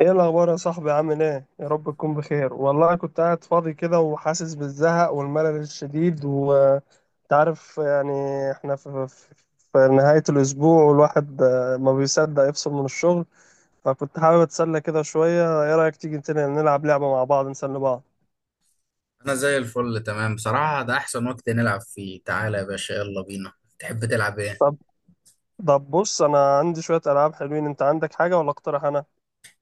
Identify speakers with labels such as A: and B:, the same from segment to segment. A: ايه الاخبار يا صاحبي، عامل ايه؟ يا رب تكون بخير. والله كنت قاعد فاضي كده، وحاسس بالزهق والملل الشديد، وتعرف يعني احنا في نهاية الاسبوع، والواحد ما بيصدق يفصل من الشغل. فكنت حابب اتسلى كده شوية. ايه رأيك تيجي تاني نلعب لعبة مع بعض، نسلي بعض؟
B: انا زي الفل تمام، بصراحة ده احسن وقت نلعب فيه. تعالى يا باشا، يلا بينا. تحب تلعب ايه؟
A: طب طب بص، انا عندي شوية العاب حلوين. انت عندك حاجة ولا اقترح انا؟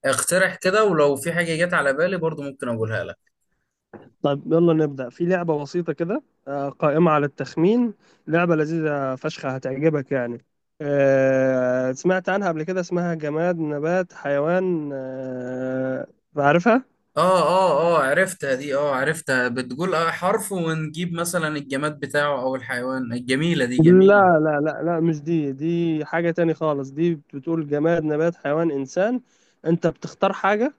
B: اقترح كده ولو في حاجة جت على بالي برضو ممكن اقولها لك.
A: طيب يلا نبدأ في لعبة بسيطة كده، قائمة على التخمين. لعبة لذيذة فشخة هتعجبك يعني. سمعت عنها قبل كده، اسمها جماد نبات حيوان. عارفها؟
B: اه اه اه، عرفتها دي. اه عرفتها، بتقول اه حرف ونجيب مثلا الجماد بتاعه او الحيوان. الجميلة دي، جميلة.
A: لا لا لا لا، مش دي. دي حاجة تاني خالص. دي بتقول جماد نبات حيوان إنسان. أنت بتختار حاجة.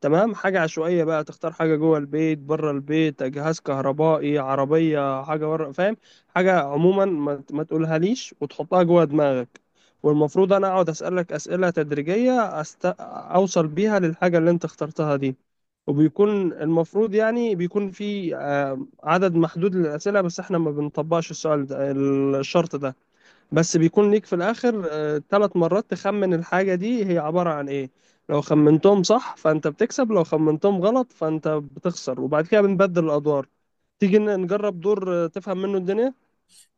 A: تمام، حاجة عشوائية بقى. تختار حاجة جوه البيت، بره البيت، جهاز كهربائي، عربية، حاجة بره، فاهم؟ حاجة عموما، ما تقولها ليش، وتحطها جوه دماغك. والمفروض أنا أقعد أسألك أسئلة تدريجية، أوصل بيها للحاجة اللي أنت اخترتها دي. وبيكون المفروض يعني بيكون في عدد محدود للأسئلة، بس احنا ما بنطبقش السؤال ده، الشرط ده. بس بيكون ليك في الآخر ثلاث مرات تخمن الحاجة دي هي عبارة عن إيه. لو خمنتهم صح فأنت بتكسب، لو خمنتهم غلط فأنت بتخسر. وبعد كده بنبدل الأدوار. تيجي نجرب دور تفهم منه الدنيا.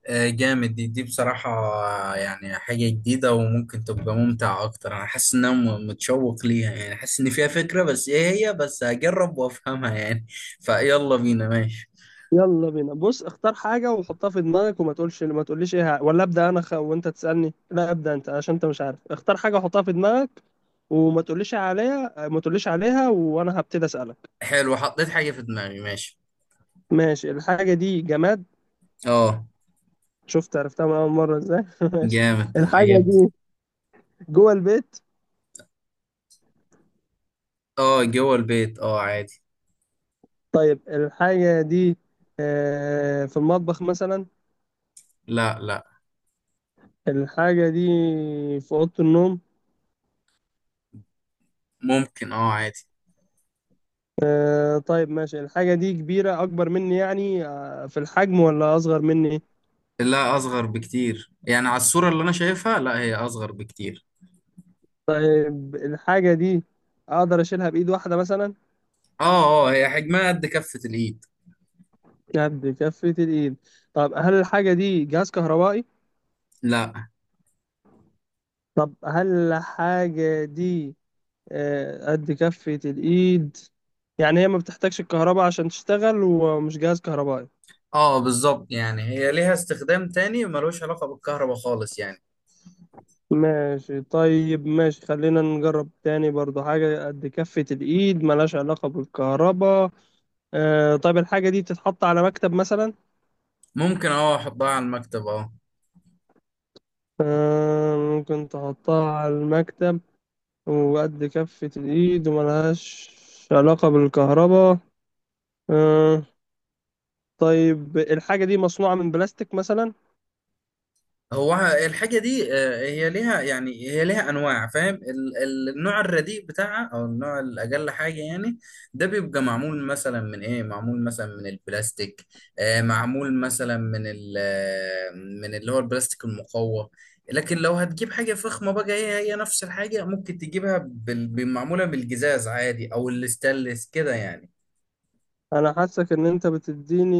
B: آه جامد. دي بصراحة، يعني حاجة جديدة وممكن تبقى ممتعة اكتر. انا حاسس ان انا متشوق ليها، يعني حاسس ان فيها فكرة، بس ايه هي؟ بس هجرب وافهمها يعني. فيلا بينا، ماشي.
A: يلا بينا، بص اختار حاجة وحطها في دماغك، وما تقولش، ما تقوليش إيه، ولا أبدأ أنا، وأنت تسألني؟ لا، أبدأ أنت، عشان أنت مش عارف. اختار حاجة وحطها في دماغك، وما تقوليش عليها، ما تقوليش عليها، وأنا هبتدي أسألك.
B: حلو، حطيت حاجة في دماغي، ماشي.
A: ماشي. الحاجة دي جماد؟
B: اه
A: شفت، عرفتها من أول مرة إزاي. ماشي.
B: جامد،
A: الحاجة
B: عجبت.
A: دي جوه البيت؟
B: اه جوه البيت، اه عادي.
A: طيب الحاجة دي في المطبخ مثلا؟
B: لا لا.
A: الحاجة دي في أوضة النوم؟
B: ممكن، اه عادي.
A: طيب ماشي. الحاجة دي كبيرة أكبر مني يعني، في الحجم، ولا أصغر مني؟
B: لا أصغر بكتير، يعني على الصورة اللي أنا شايفها لا، هي أصغر بكتير.
A: طيب الحاجة دي أقدر أشيلها بإيد واحدة مثلا؟
B: اه اه، هي حجمها قد كفة الإيد.
A: قد كفة الإيد. طب هل الحاجة دي جهاز كهربائي؟
B: لا.
A: طب هل الحاجة دي قد كفة الإيد، يعني هي ما بتحتاجش الكهرباء عشان تشتغل، ومش جهاز كهربائي؟
B: اه بالظبط، يعني هي ليها استخدام تاني ملوش علاقة بالكهرباء خالص يعني.
A: ماشي طيب. ماشي، خلينا نجرب تاني برضو. حاجة قد كفة الإيد، ملهاش علاقة بالكهرباء. آه طيب، الحاجة دي بتتحط على مكتب مثلا؟
B: ممكن، اه أحطها على المكتب اه.
A: آه، ممكن تحطها على المكتب، وقد كفة الإيد، وملهاش علاقة بالكهرباء. آه. طيب الحاجة دي مصنوعة من بلاستيك مثلا؟
B: هو الحاجة دي، هي ليها، يعني هي ليها أنواع. فاهم النوع الرديء بتاعها أو النوع الأقل حاجة يعني، ده بيبقى معمول مثلا من إيه؟ معمول مثلا من البلاستيك، معمول مثلا من ال من اللي هو البلاستيك المقوى. لكن لو هتجيب حاجة فخمة بقى، هي نفس الحاجة ممكن تجيبها بالمعمولة بالجزاز عادي أو الستانلس كده يعني.
A: أنا حاسك إن أنت بتديني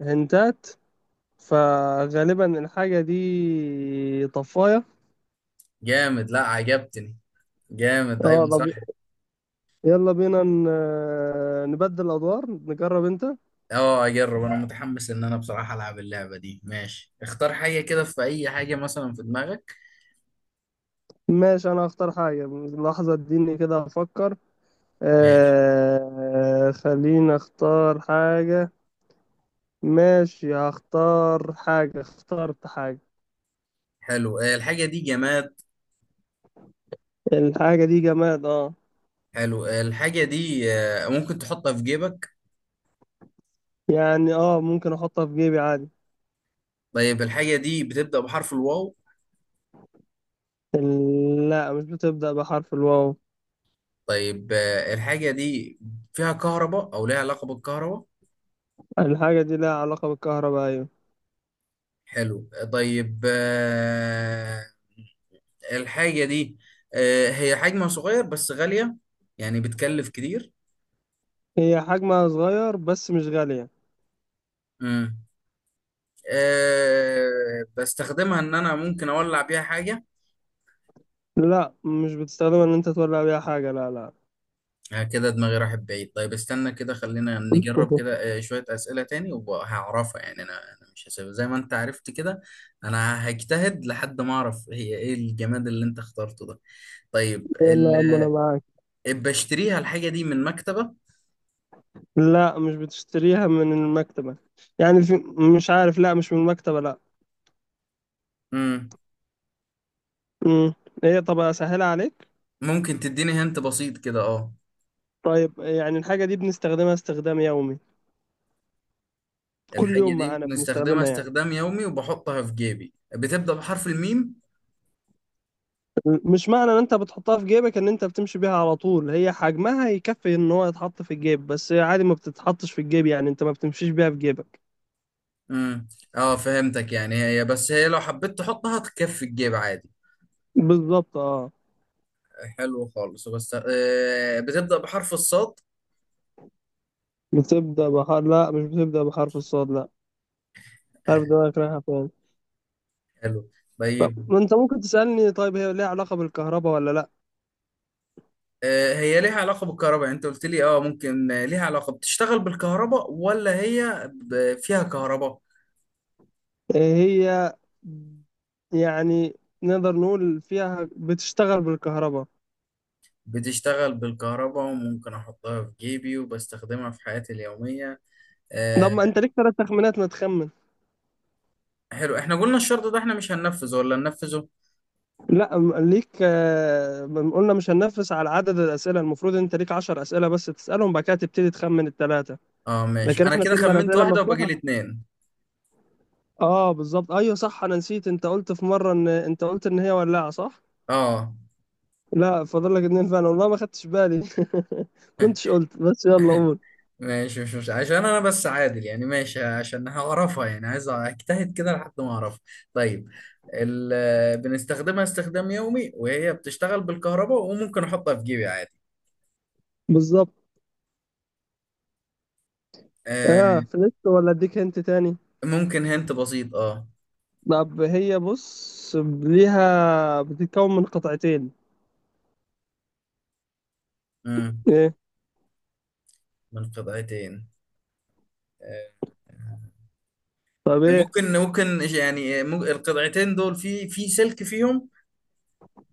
A: هنتات، فغالبا الحاجة دي طفاية.
B: جامد، لا عجبتني. جامد أيوة
A: اه.
B: صح.
A: يلا بينا نبدل أدوار، نجرب أنت.
B: اه اجرب انا، متحمس ان انا بصراحة العب اللعبة دي. ماشي، اختار حاجة كده، في اي حاجة مثلا في دماغك.
A: ماشي، أنا هختار حاجة. لحظة اديني كده أفكر.
B: ماشي.
A: آه، خليني أختار حاجة. ماشي، هختار حاجة. اخترت حاجة.
B: حلو، الحاجة دي جماد.
A: الحاجة دي جماد، اه.
B: حلو، الحاجة دي ممكن تحطها في جيبك؟
A: يعني اه، ممكن أحطها في جيبي عادي.
B: طيب الحاجة دي بتبدأ بحرف الواو؟
A: لا، مش بتبدأ بحرف الواو.
B: طيب، الحاجة دي فيها كهرباء او ليها علاقة بالكهرباء؟
A: الحاجة دي لها علاقة بالكهرباء، أيوة.
B: حلو، الحاجة دي، هي حجمها صغير بس غالية، يعني بتكلف كتير؟
A: هي حجمها صغير بس مش غالية.
B: مم. أه بستخدمها ان انا ممكن اولع بيها حاجه؟
A: لا، مش بتستخدمها إن أنت تولع بيها حاجة، لا لا.
B: كده دماغي راحت بعيد. طيب استنى كده، خلينا نجرب كده شويه اسئله تاني وهعرفها يعني انا. انا مش هسيب زي ما انت عرفت كده، انا هجتهد لحد ما اعرف هي ايه الجماد اللي انت اخترته ده. طيب
A: يلا يا عم، أنا معاك.
B: بشتريها الحاجه دي من مكتبه؟
A: لا، مش بتشتريها من المكتبة. يعني في، مش عارف، لا مش من المكتبة، لا.
B: مم.
A: امم ايه، طب اسهلها عليك.
B: ممكن تديني هنت بسيط كده، اه.
A: طيب يعني الحاجة دي بنستخدمها استخدام يومي؟ كل
B: الحاجه
A: يوم
B: دي
A: معانا
B: بنستخدمها
A: بنستخدمها يعني.
B: استخدام يومي وبحطها في جيبي، بتبدا بحرف الميم؟
A: مش معنى ان انت بتحطها في جيبك ان انت بتمشي بيها على طول. هي حجمها يكفي ان هو يتحط في الجيب، بس هي عادي ما بتتحطش في الجيب، يعني انت ما بتمشيش بيها في جيبك.
B: امم. اه فهمتك، يعني هي بس هي لو حبيت تحطها تكفي الجيب عادي.
A: بالظبط، اه.
B: حلو خالص. بس آه، بتبدأ بحرف الصاد؟
A: بتبدأ بحرف، لا، مش بتبدأ بحرف الصاد، لا. عارف
B: آه
A: دماغك رايحة فين.
B: حلو.
A: طب
B: طيب،
A: ما انت ممكن تسألني، طيب هي ليها علاقة بالكهرباء ولا لا.
B: آه هي ليها علاقة بالكهرباء؟ يعني انت قلت لي اه ممكن ليها علاقة بتشتغل بالكهرباء، ولا هي فيها كهرباء؟
A: هي، يعني، نقدر نقول فيها بتشتغل بالكهرباء.
B: بتشتغل بالكهرباء وممكن احطها في جيبي وبستخدمها في حياتي اليومية.
A: طب ما
B: آه
A: انت ليك ثلاث تخمينات، ما تخمن.
B: حلو، احنا قلنا الشرط ده احنا مش هننفذه ولا ننفذه؟
A: لا، ليك قلنا مش هننفذ على عدد الاسئله. المفروض انت ليك 10 اسئله بس تسالهم، بعد كده تبتدي تخمن الثلاثه.
B: اه ماشي،
A: لكن
B: انا
A: احنا
B: كده
A: سيبنا
B: خمنت
A: الاسئله
B: واحدة وباجي
A: مفتوحه.
B: لي اتنين.
A: اه بالظبط، ايوه صح، انا نسيت. انت قلت في مره، ان انت قلت ان هي ولاعه، صح؟
B: اه
A: لا، فاضل لك اتنين فعلا، والله ما خدتش بالي. كنتش قلت، بس يلا قول.
B: ماشي، مش مش عشان انا بس، عادل يعني ماشي، عشان هعرفها يعني، عايز اجتهد كده لحد ما اعرفها. طيب بنستخدمها استخدام يومي وهي بتشتغل بالكهرباء وممكن احطها في جيبي عادي.
A: بالظبط. اه،
B: آه
A: فلست، ولا اديك انت تاني؟
B: ممكن هنت بسيط، اه.
A: طب هي بص، ليها، بتتكون من قطعتين.
B: مم.
A: ايه؟
B: من قطعتين؟ آه
A: طب ايه؟
B: ممكن ممكن. يعني القطعتين دول في سلك فيهم؟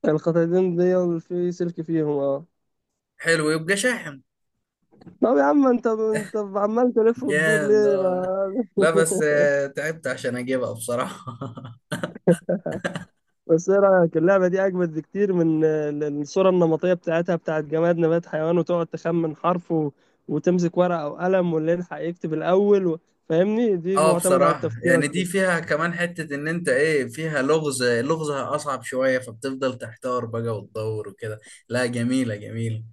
A: القطعتين دي في سلك فيهم، اه.
B: حلو، يبقى شاحن.
A: طب يا عم انت عمال تلف وتدور
B: جامد.
A: ليه
B: آه. لا بس آه، تعبت عشان اجيبها بصراحة.
A: بس ايه رايك، اللعبه دي اجمد بكتير من الصوره النمطيه بتاعتها، بتاعت جماد نبات حيوان، وتقعد تخمن حرف، وتمسك ورقه او قلم، واللي يلحق يكتب الاول، فاهمني؟ دي
B: اه
A: معتمده على
B: بصراحة
A: التفكير.
B: يعني دي فيها كمان حتة ان انت ايه، فيها لغز، لغزها اصعب شوية، فبتفضل تحتار بقى وتدور وكده. لا جميلة جميلة.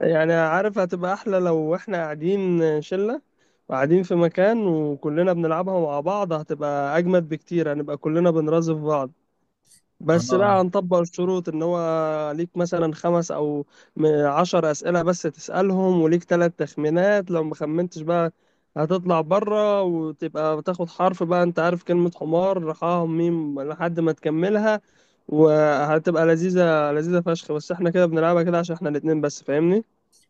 A: يعني عارف، هتبقى احلى لو احنا قاعدين شلة وقاعدين في مكان وكلنا بنلعبها مع بعض، هتبقى اجمد بكتير، هنبقى كلنا بنرازف بعض. بس
B: اه
A: بقى هنطبق الشروط، ان هو ليك مثلا خمس او عشر اسئلة بس تسألهم، وليك ثلاث تخمينات. لو ما خمنتش بقى هتطلع بره، وتبقى بتاخد حرف بقى. انت عارف كلمة حمار، حا ميم لحد ما تكملها. وهتبقى لذيذة لذيذة فشخ. بس احنا كده بنلعبها كده عشان احنا الاتنين بس، فاهمني.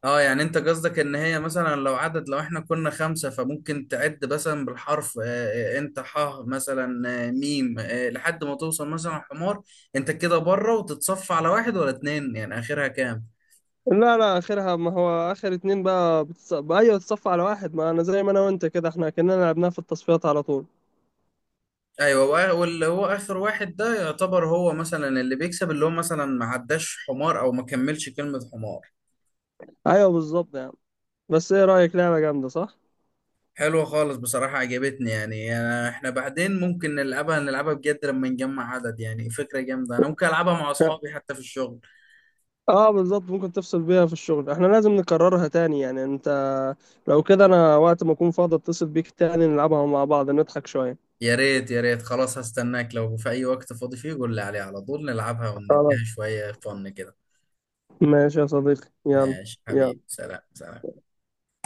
B: اه، يعني انت قصدك ان هي مثلا لو عدد، لو احنا كنا خمسة، فممكن تعد مثلا بالحرف، انت ح مثلا، آه ميم آه، لحد ما توصل مثلا حمار. انت كده بره، وتتصفى على واحد ولا اتنين، يعني اخرها كام؟
A: لا لا، اخرها، ما هو اخر اتنين بقى بقى، ايوه، تصفى على واحد. ما انا زي ما انا وانت كده، احنا كنا لعبناها في التصفيات على طول.
B: ايوه. واللي هو اخر واحد ده يعتبر هو مثلا اللي بيكسب، اللي هو مثلا ما عداش حمار او ما كملش كلمة حمار.
A: ايوه بالظبط يعني. بس ايه رايك، لعبه جامده، صح؟
B: حلوة خالص بصراحة، عجبتني يعني أنا. احنا بعدين ممكن نلعبها نلعبها بجد لما نجمع عدد، يعني فكرة جامدة، انا ممكن العبها مع اصحابي حتى في الشغل.
A: اه بالظبط، ممكن تفصل بيها في الشغل. احنا لازم نكررها تاني يعني انت. لو كده انا وقت ما اكون فاضي اتصل بيك تاني نلعبها مع بعض، نضحك شويه.
B: يا ريت يا ريت، خلاص هستناك، لو في اي وقت فاضي فيه قول لي عليه على طول نلعبها
A: خلاص،
B: ونديها شوية فن كده.
A: ماشي يا صديقي، يلا.
B: ماشي حبيبي،
A: يلا.
B: سلام سلام.